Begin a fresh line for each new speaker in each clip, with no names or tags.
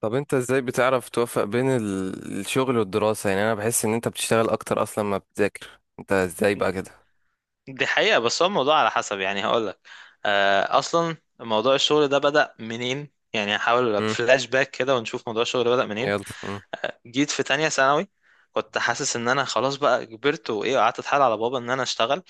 طب انت ازاي بتعرف توفق بين الشغل والدراسة؟ يعني انا بحس ان انت بتشتغل اكتر اصلا ما بتذاكر، انت ازاي بقى كده؟
دي حقيقة بس هو الموضوع على حسب، يعني هقول لك. أصلا موضوع الشغل ده بدأ منين؟ يعني هحاول
امم.
فلاش باك كده ونشوف موضوع الشغل بدأ منين.
يلا، امم.
جيت في تانية ثانوي. كنت حاسس إن أنا خلاص بقى كبرت وإيه، قعدت أتحايل على بابا إن أنا أشتغل.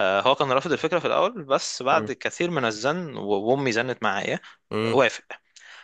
هو كان رافض الفكرة في الأول، بس بعد كثير من الزن وأمي زنت معايا،
امم.
وافق.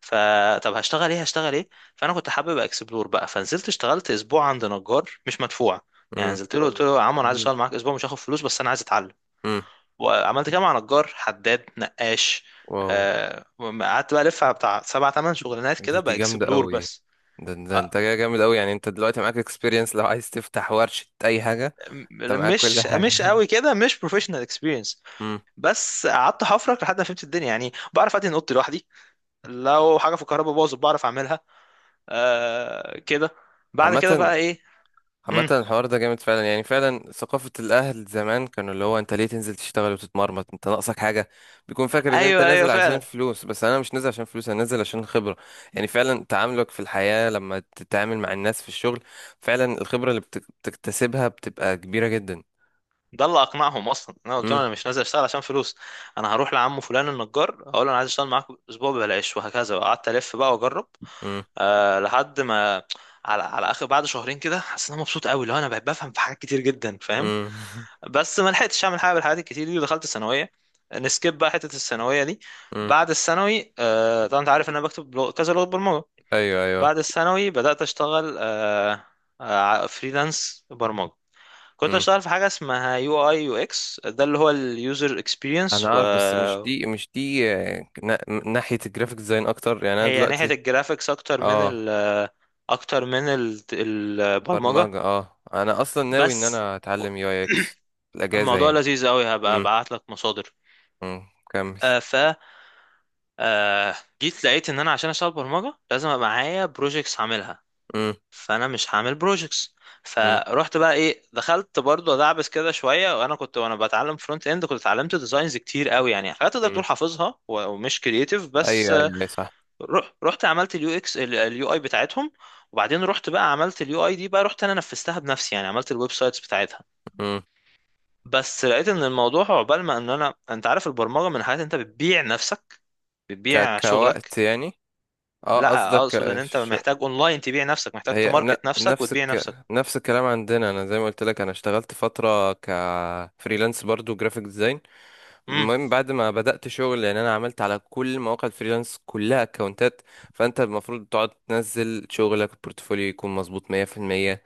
فطب هشتغل ايه، هشتغل ايه؟ فانا كنت حابب اكسبلور بقى، فنزلت اشتغلت اسبوع عند نجار مش مدفوع. يعني
امم.
نزلت له قلت له يا عم انا عايز اشتغل معاك اسبوع، مش هاخد فلوس بس انا عايز اتعلم.
امم.
وعملت كده مع نجار حداد نقاش.
واو.
آه، قعدت بقى الف على بتاع سبع تمن شغلانات كده،
دي جامدة
باكسبلور
قوي.
بس.
ده انت
آه،
جاي جامد قوي، يعني انت دلوقتي معاك اكسبيرينس، لو عايز تفتح ورشة اي حاجة
م-
انت معاك كل
مش
حاجة.
قوي كده، مش بروفيشنال اكسبيرينس.
امم.
بس قعدت حفرك لحد ما فهمت الدنيا، يعني بعرف ادهن اوضتي لوحدي، لو حاجه في الكهرباء باظت بعرف اعملها. آه كده. بعد كده
عامة
بقى ايه؟
عامة
مم.
الحوار ده جامد فعلا، يعني فعلا ثقافة الأهل زمان كانوا اللي هو أنت ليه تنزل تشتغل وتتمرمط، أنت ناقصك حاجة؟ بيكون فاكر إن أنت
ايوه ايوه
نازل عشان
فعلا.
فلوس، بس أنا مش نازل عشان فلوس، أنا نازل عشان خبرة. يعني فعلا تعاملك في الحياة لما تتعامل مع الناس في الشغل، فعلا الخبرة اللي بتكتسبها بتبقى كبيرة جدا.
ده اللي اقنعهم اصلا، انا قلت لهم
امم.
انا مش نازل اشتغل عشان فلوس، انا هروح لعمه فلان النجار اقول له انا عايز اشتغل معاك اسبوع ببلاش، وهكذا قعدت الف بقى واجرب.
امم.
لحد ما، على اخر، بعد شهرين كده حسيت ان انا مبسوط قوي لو انا بقيت بفهم في حاجات كتير جدا، فاهم.
امم.
بس ما لحقتش اعمل حاجه بالحاجات الكتير دي، ودخلت الثانويه. نسكيب بقى حته الثانويه دي.
امم.
بعد الثانوي طبعا انت عارف ان انا بكتب كذا لغه برمجه.
أيوه أيوه.
بعد الثانوي بدات اشتغل أه أه فريلانس برمجه. كنت
امم.
اشتغل في حاجه اسمها يو اي يو اكس، ده اللي هو اليوزر
أنا
اكسبيرينس،
عارف، بس مش
وهي
دي مش دي ناحية الجرافيك ديزاين أكتر يعني أنا
ناحيه
دلوقتي.
الجرافيكس اكتر من
اه.
البرمجه
برمجة انا اصلا ناوي ان
بس.
انا اتعلم UX في الاجازة
الموضوع
يعني.
لذيذ قوي، هبقى
امم.
ابعت لك مصادر.
كمل.
آه ف آه جيت لقيت ان انا عشان اشتغل برمجه لازم ابقى معايا بروجيكتس هعملها،
امم.
فانا مش هعمل بروجيكتس.
امم.
فروحت بقى ايه، دخلت برضو ادعبس كده شويه، وانا كنت وانا بتعلم فرونت اند. كنت اتعلمت ديزاينز كتير قوي، يعني حاجات تقدر
امم.
تقول حافظها ومش كرييتيف بس
ايوه ايوه أيوة، صح.
رحت عملت اليو اكس اليو اي بتاعتهم، وبعدين رحت بقى عملت اليو اي دي بقى، رحت انا نفذتها بنفسي، يعني عملت الويب سايتس بتاعتها.
امم.
بس لقيت ان الموضوع، عقبال ما، ان انا انت عارف البرمجه من حاجات انت بتبيع نفسك، بتبيع شغلك.
كوقت يعني. اه
لا، اقصد
قصدك
ان انت محتاج اونلاين تبيع نفسك، محتاج
هي ن...
تماركت نفسك
نفس
وتبيع
الك...
نفسك.
نفس الكلام عندنا، انا زي ما قلت لك، انا اشتغلت فترة كفريلانس برضو جرافيك ديزاين.
امم.
المهم بعد ما بدأت شغل يعني انا عملت على كل مواقع الفريلانس كلها اكونتات. فانت المفروض تقعد تنزل شغلك، البورتفوليو يكون مظبوط 100%،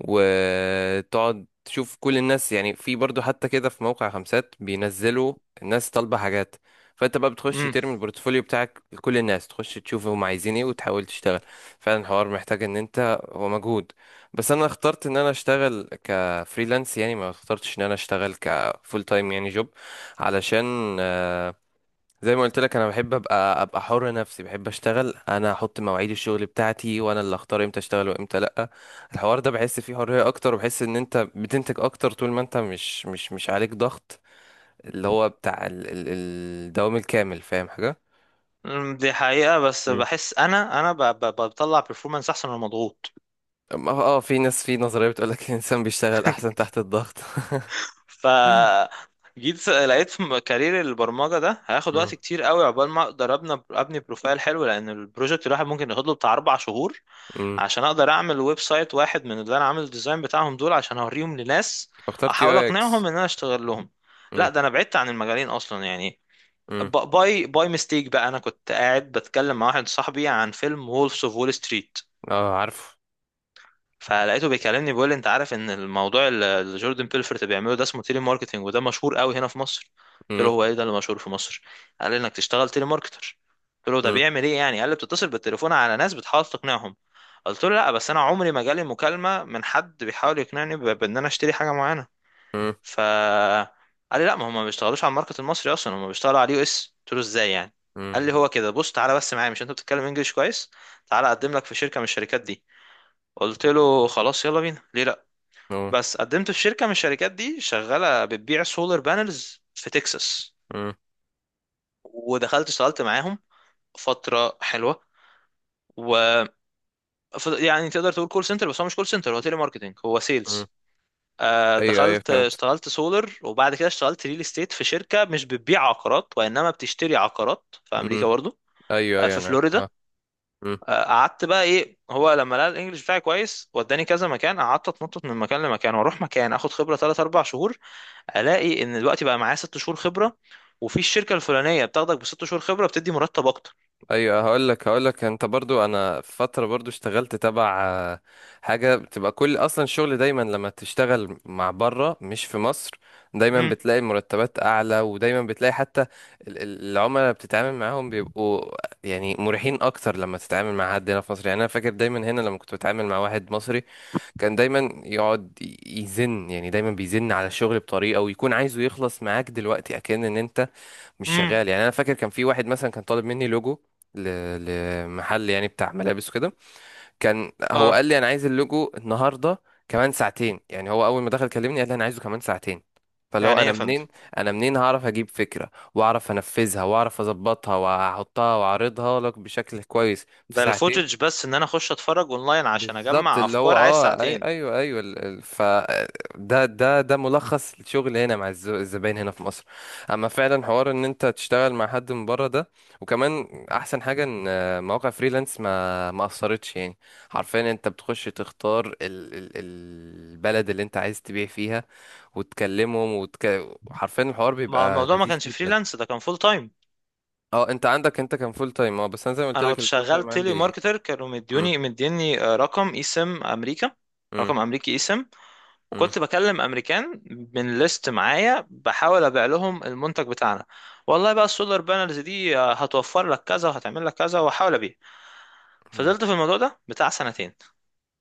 وتقعد تشوف كل الناس، يعني في برضو حتى كده في موقع خمسات بينزلوا الناس طالبة حاجات. فانت بقى بتخش
امم.
ترمي البورتفوليو بتاعك لكل الناس، تخش تشوف هم عايزين ايه وتحاول تشتغل. فعلا الحوار محتاج ان انت هو مجهود. بس انا اخترت ان انا اشتغل كفريلانس، يعني ما اخترتش ان انا اشتغل كفول تايم يعني جوب، علشان زي ما قلت لك انا بحب ابقى حر نفسي، بحب اشتغل انا احط مواعيد الشغل بتاعتي، وانا اللي اختار امتى اشتغل وامتى لا. الحوار ده بحس فيه حرية اكتر، وبحس ان انت بتنتج اكتر طول ما انت مش عليك ضغط، اللي هو بتاع الدوام الكامل، فاهم حاجة؟
دي حقيقه، بس
مم.
بحس انا بطلع بيرفورمانس احسن من مضغوط.
في ناس في نظرية بتقولك الانسان بيشتغل احسن تحت الضغط
ف جيت لقيت في كارير البرمجه ده هياخد
امم.
وقت كتير قوي عقبال ما اقدر ابني بروفايل حلو، لان البروجكت الواحد ممكن ياخد له بتاع 4 شهور
امم.
عشان اقدر اعمل ويب سايت واحد من اللي انا عامل الديزاين بتاعهم دول، عشان اوريهم لناس
اخترت يو
احاول
اي
اقنعهم
اكس
ان انا اشتغل لهم. لا،
امم.
ده انا بعدت عن المجالين اصلا يعني.
امم.
باي ميستيك بقى، انا كنت قاعد بتكلم مع واحد صاحبي عن فيلم وولفز اوف وول ستريت،
اه عارفه.
فلقيته بيكلمني بيقول لي انت عارف ان الموضوع اللي جوردن بيلفورت بيعمله ده اسمه تيلي ماركتنج، وده مشهور قوي هنا في مصر. قلت له
امم.
هو ايه ده اللي مشهور في مصر؟ قال لي انك تشتغل تيلي ماركتر. قلت له ده
امم.
بيعمل ايه يعني؟ قال لي بتتصل بالتليفون على ناس بتحاول تقنعهم. قلت له لا، بس انا عمري ما جالي مكالمة من حد بيحاول يقنعني بان انا اشتري حاجة معينة.
امم.
ف قال لي لا، ما هم ما بيشتغلوش على الماركت المصري اصلا، هم بيشتغلوا على اليو اس. قلت له ازاي يعني؟ قال لي هو كده، بص تعالى بس معايا، مش انت بتتكلم انجليش كويس، تعالى اقدم لك في شركة من الشركات دي. قلت له خلاص يلا بينا، ليه لا.
امم.
بس قدمت في شركه من الشركات دي، شغاله بتبيع سولار بانلز في تكساس، ودخلت اشتغلت معاهم فتره حلوه و يعني تقدر تقول كول سنتر، بس هو مش كول سنتر، هو تيلي ماركتنج، هو
امم.
سيلز.
ايوه ايوه
دخلت
فهمت.
اشتغلت سولر، وبعد كده اشتغلت ريل استيت في شركه مش بتبيع عقارات وانما بتشتري عقارات في امريكا برضه،
ايوه ايوه
في
انا
فلوريدا.
اه. مم.
قعدت بقى ايه، هو لما لقى الانجليش بتاعي كويس وداني كذا مكان، قعدت اتنطط من مكان لمكان، واروح مكان اخد خبره 3 4 شهور، الاقي ان دلوقتي بقى معايا 6 شهور خبره، وفي الشركه الفلانيه بتاخدك بست شهور خبره بتدي مرتب اكتر.
ايوه، هقول لك انت برضو، انا في فتره برضو اشتغلت تبع حاجه بتبقى كل اصلا الشغل دايما لما تشتغل مع بره مش في مصر، دايما
امم.
بتلاقي المرتبات اعلى، ودايما بتلاقي حتى العملاء اللي بتتعامل معاهم بيبقوا يعني مريحين اكتر. لما تتعامل مع حد هنا في مصر يعني، انا فاكر دايما هنا لما كنت بتعامل مع واحد مصري، كان دايما يقعد يزن يعني، دايما بيزن على الشغل بطريقه، ويكون عايزه يخلص معاك دلوقتي اكن ان انت مش
امم.
شغال يعني. انا فاكر كان في واحد مثلا كان طالب مني لوجو ل... لمحل يعني بتاع ملابس وكده. كان هو
اه.
قال لي انا عايز اللوجو النهارده كمان ساعتين، يعني هو اول ما دخل كلمني قال لي انا عايزه كمان ساعتين. فاللي هو
يعني ايه
انا
يا فندم؟
منين انا منين هعرف اجيب فكره واعرف انفذها واعرف اظبطها واحطها واعرضها لك بشكل كويس في
ده
ساعتين؟
الفوتج بس، ان انا اخش اتفرج اونلاين عشان
بالظبط
اجمع
اللي هو
افكار، عايز
اه اي
ساعتين.
ايوه ايوه ال- ال- ف ده ملخص الشغل هنا مع الزباين هنا في مصر. اما فعلا حوار ان انت تشتغل مع حد من بره ده، وكمان احسن حاجه ان مواقع فريلانس ما اثرتش يعني، حرفيا انت بتخش تختار ال البلد اللي انت عايز تبيع فيها، وتكلمهم حرفيا الحوار
ما هو
بيبقى
الموضوع ما
لذيذ
كانش
جدا.
فريلانس، ده كان فول تايم.
اه انت عندك انت كان فول تايم، اه بس انا زي ما قلت
انا
لك
كنت
الفول
شغال
تايم
تيلي
عندي.
ماركتر، كانوا
مم،
مديني رقم اي سم امريكا،
مم،
رقم امريكي اي سم،
مم،
وكنت بكلم امريكان من ليست معايا بحاول ابيع لهم المنتج بتاعنا. والله بقى السولار بانلز دي هتوفر لك كذا وهتعمل لك كذا، واحاول ابيع.
مم.
فضلت في الموضوع ده بتاع سنتين،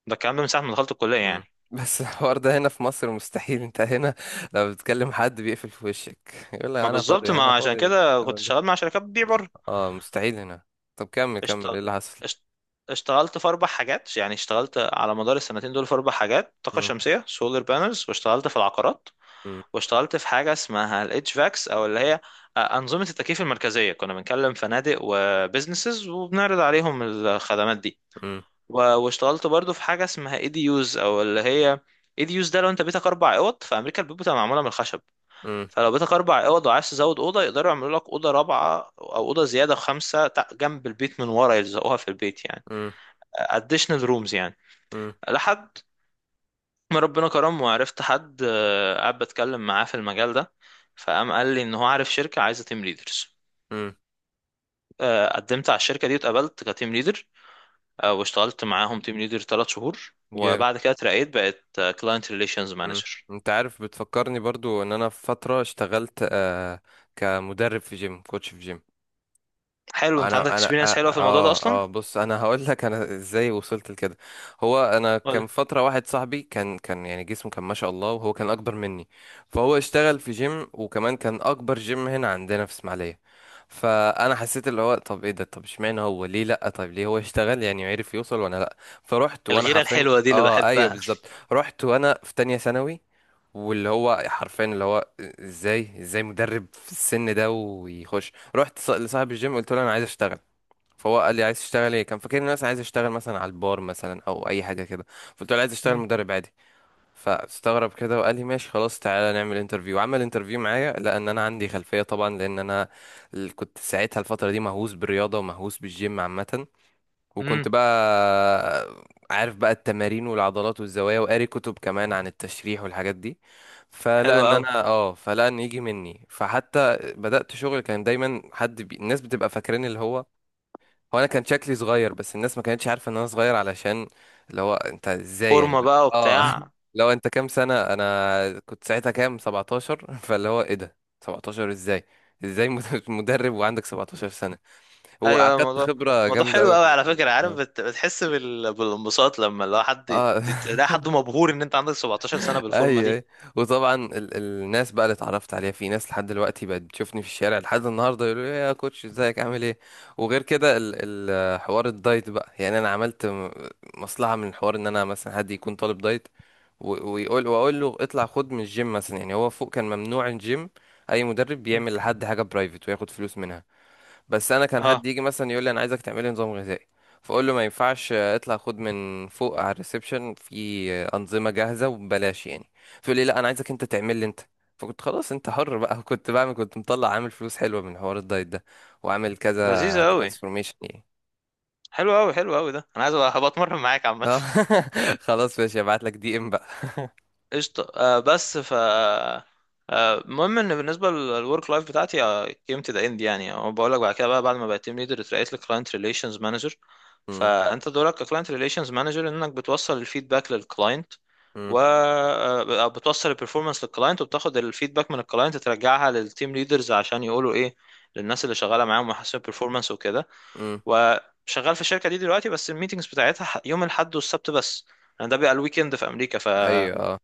ده الكلام ده من ساعة ما دخلت الكلية
مم.
يعني.
بس الحوار ده هنا في مصر مستحيل، انت هنا لو بتكلم حد بيقفل في وشك يقول لك
ما
انا
بالظبط،
فاضي انا
ما عشان
فاضي.
كده كنت
الهبل ده.
شغال مع شركات بتبيع بره.
اه مستحيل هنا. طب كمل
اشت...
كمل ايه اللي حصل؟
اشت... اشتغلت في 4 حاجات، يعني اشتغلت على مدار السنتين دول في 4 حاجات: طاقة
مم.
شمسية سولار بانلز، واشتغلت في العقارات،
مم.
واشتغلت في حاجة اسمها الاتش فاكس أو اللي هي أنظمة التكييف المركزية، كنا بنكلم فنادق وبزنسز وبنعرض عليهم الخدمات دي.
مم.
واشتغلت برضو في حاجة اسمها اي دي يوز أو اللي هي اي دي يوز، ده لو انت بيتك 4 أوض في أمريكا، البيوت بتبقى معمولة من الخشب.
مم.
فلو بيتك 4 اوض وعايز تزود اوضه، يقدروا يعملوا لك اوضه رابعه او اوضه زياده خمسه، جنب البيت من ورا يلزقوها في البيت يعني،
مم.
additional rooms يعني.
مم.
لحد ما ربنا كرم، وعرفت حد قاعد بتكلم معاه في المجال ده، فقام قال لي ان هو عارف شركه عايزه تيم ليدرز.
مم.
قدمت على الشركه دي واتقبلت كتيم ليدر، واشتغلت معاهم تيم ليدر 3 شهور،
جامد.
وبعد كده اترقيت بقت كلاينت ريليشنز
مم.
مانجر.
انت عارف بتفكرني برضو ان انا في فترة اشتغلت كمدرب في جيم، كوتش في جيم.
حلو انت
انا
عندك
انا
اكسبيرينس حلوه في الموضوع ده
اه
اصلا.
اه بص انا هقول لك انا ازاي وصلت لكده. هو انا
ولا؟
كان فتره واحد صاحبي كان يعني جسمه كان ما شاء الله، وهو كان اكبر مني. فهو اشتغل في جيم، وكمان كان اكبر جيم هنا عندنا في اسماعيليه. فانا حسيت اللي هو طب ايه ده، طب اشمعنى هو ليه لا، طب ليه هو اشتغل يعني عرف يوصل وانا لا. فرحت وانا
الغيره
حرفيا
الحلوه دي اللي
اه ايوه
بحبها.
بالظبط. رحت وانا في تانية ثانوي. واللي هو حرفيا اللي هو ازاي ازاي مدرب في السن ده ويخش. رحت لصاحب الجيم قلت له انا عايز اشتغل. فهو قال لي عايز تشتغل ايه، كان فاكرني الناس عايز اشتغل مثلا على البار مثلا او اي حاجه كده. فقلت له عايز اشتغل مدرب عادي. فاستغرب كده وقال لي ماشي خلاص، تعالى نعمل انترفيو. عمل انترفيو معايا لان انا عندي خلفيه طبعا، لان انا كنت ساعتها الفتره دي مهووس بالرياضه ومهووس بالجيم عامه.
امم.
وكنت بقى عارف بقى التمارين والعضلات والزوايا، وقاري كتب كمان عن التشريح والحاجات دي.
حلو قوي.
فلقى ان يجي مني. فحتى بدأت شغل كان دايما حد الناس بتبقى فاكرين اللي هو انا كان شكلي صغير، بس الناس ما كانتش عارفة ان انا صغير، علشان اللي هو انت ازاي يعني.
فورمه
اللي
بقى
هو- اه
وبتاع.
لو انت كام سنة، انا كنت ساعتها كام، 17؟ فاللي هو ايه ده 17؟ ازاي مد- مدرب وعندك 17 سنة!
ايوه، أيوة،
وأخدت
الموضوع
خبرة
الموضوع
جامدة
حلو
قوي في
قوي على
المكان.
فكره، عارف بتحس بالانبساط لما، لو حد
اه
تلاقي حد مبهور ان انت عندك 17 سنه بالفورمه
اي
دي.
اي. وطبعا الناس بقى اللي اتعرفت عليها، في ناس لحد دلوقتي بقت بتشوفني في الشارع لحد النهارده يقولوا لي إيه يا كوتش، ازيك عامل ايه؟ وغير كده ال حوار الدايت بقى، يعني انا عملت مصلحه من الحوار ان انا مثلا حد يكون طالب دايت، و- ويقول واقول له اطلع خد من الجيم مثلا، يعني هو فوق كان ممنوع الجيم، اي مدرب
مم.
بيعمل لحد حاجه برايفت وياخد فلوس منها. بس انا كان
اه.
حد يجي مثلا يقول لي انا عايزك تعملي نظام غذائي، فاقول له ما ينفعش، اطلع خد من فوق على الريسبشن، في انظمه جاهزه وببلاش يعني. فيقول لي لا انا عايزك انت تعمل لي انت. فكنت خلاص انت حر بقى. كنت مطلع عامل فلوس حلوه من حوار الدايت ده، وعامل كذا
لذيذه قوي.
ترانسفورميشن يعني.
حلو قوي، حلو قوي، ده انا عايز هبقى اتمرن معاك عامه.
آه. خلاص ماشي هبعت لك DM بقى.
قشطه. بس ف آه، المهم ان بالنسبه للورك لايف بتاعتي came to the end، يعني أو بقول لك، بعد كده بقى بعد ما بقيت تيم ليدر اترقيت لكلاينت ريليشنز مانجر.
مم،
فانت دورك كلاينت ريليشنز مانجر، انك بتوصل الفيدباك للكلاينت،
مم،
وبتوصل البرفورمانس للكلاينت، وبتاخد الفيدباك من الكلاينت ترجعها للتيم ليدرز، عشان يقولوا ايه للناس اللي شغاله معاهم ويحسنوا البرفورمانس وكده.
مم.
وشغال في الشركه دي دلوقتي، بس الميتنجز بتاعتها يوم الاحد والسبت بس، لان ده بيبقى الويكند في امريكا،
ايوه
فاحنا
اه.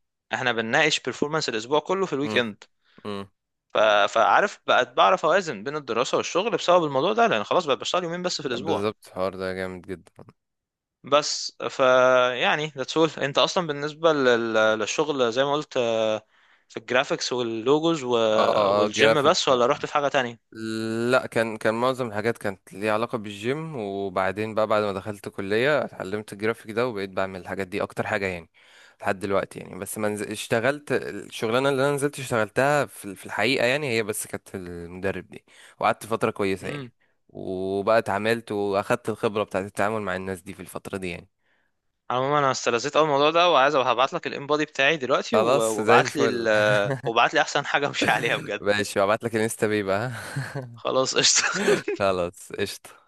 بنناقش برفورمانس الاسبوع كله في
مم،
الويكند.
مم.
ف... فعارف بقت بعرف اوازن بين الدراسه والشغل بسبب الموضوع ده، لان خلاص بقى بشتغل يومين بس في الاسبوع.
بالظبط الحوار ده جامد جدا.
بس يعني that's all. انت اصلا بالنسبة للشغل زي ما قلت في الجرافيكس واللوجوز
اه اه
والجيم
جرافيك.
بس، ولا رحت في حاجة تانية؟
لا، كان معظم الحاجات كانت ليها علاقة بالجيم، وبعدين بقى بعد ما دخلت كلية اتعلمت الجرافيك ده، وبقيت بعمل الحاجات دي أكتر حاجة يعني لحد دلوقتي يعني. بس ما نز- اشتغلت الشغلانة اللي أنا نزلت اشتغلتها في في الحقيقة يعني، هي بس كانت المدرب دي، وقعدت فترة كويسة يعني.
امم.
وبقى اتعاملت وأخدت الخبرة بتاعت التعامل مع الناس دي في الفترة دي يعني.
عموما انا استلذيت اول الموضوع ده، وعايز هبعت لك الانبادي بتاعي دلوقتي
خلاص زي
وابعت لي،
الفل.
وابعت لي احسن حاجة امشي عليها بجد.
ماشي هبعتلك الانستا بيه بقى.
خلاص قشطة.
خلاص قشطة.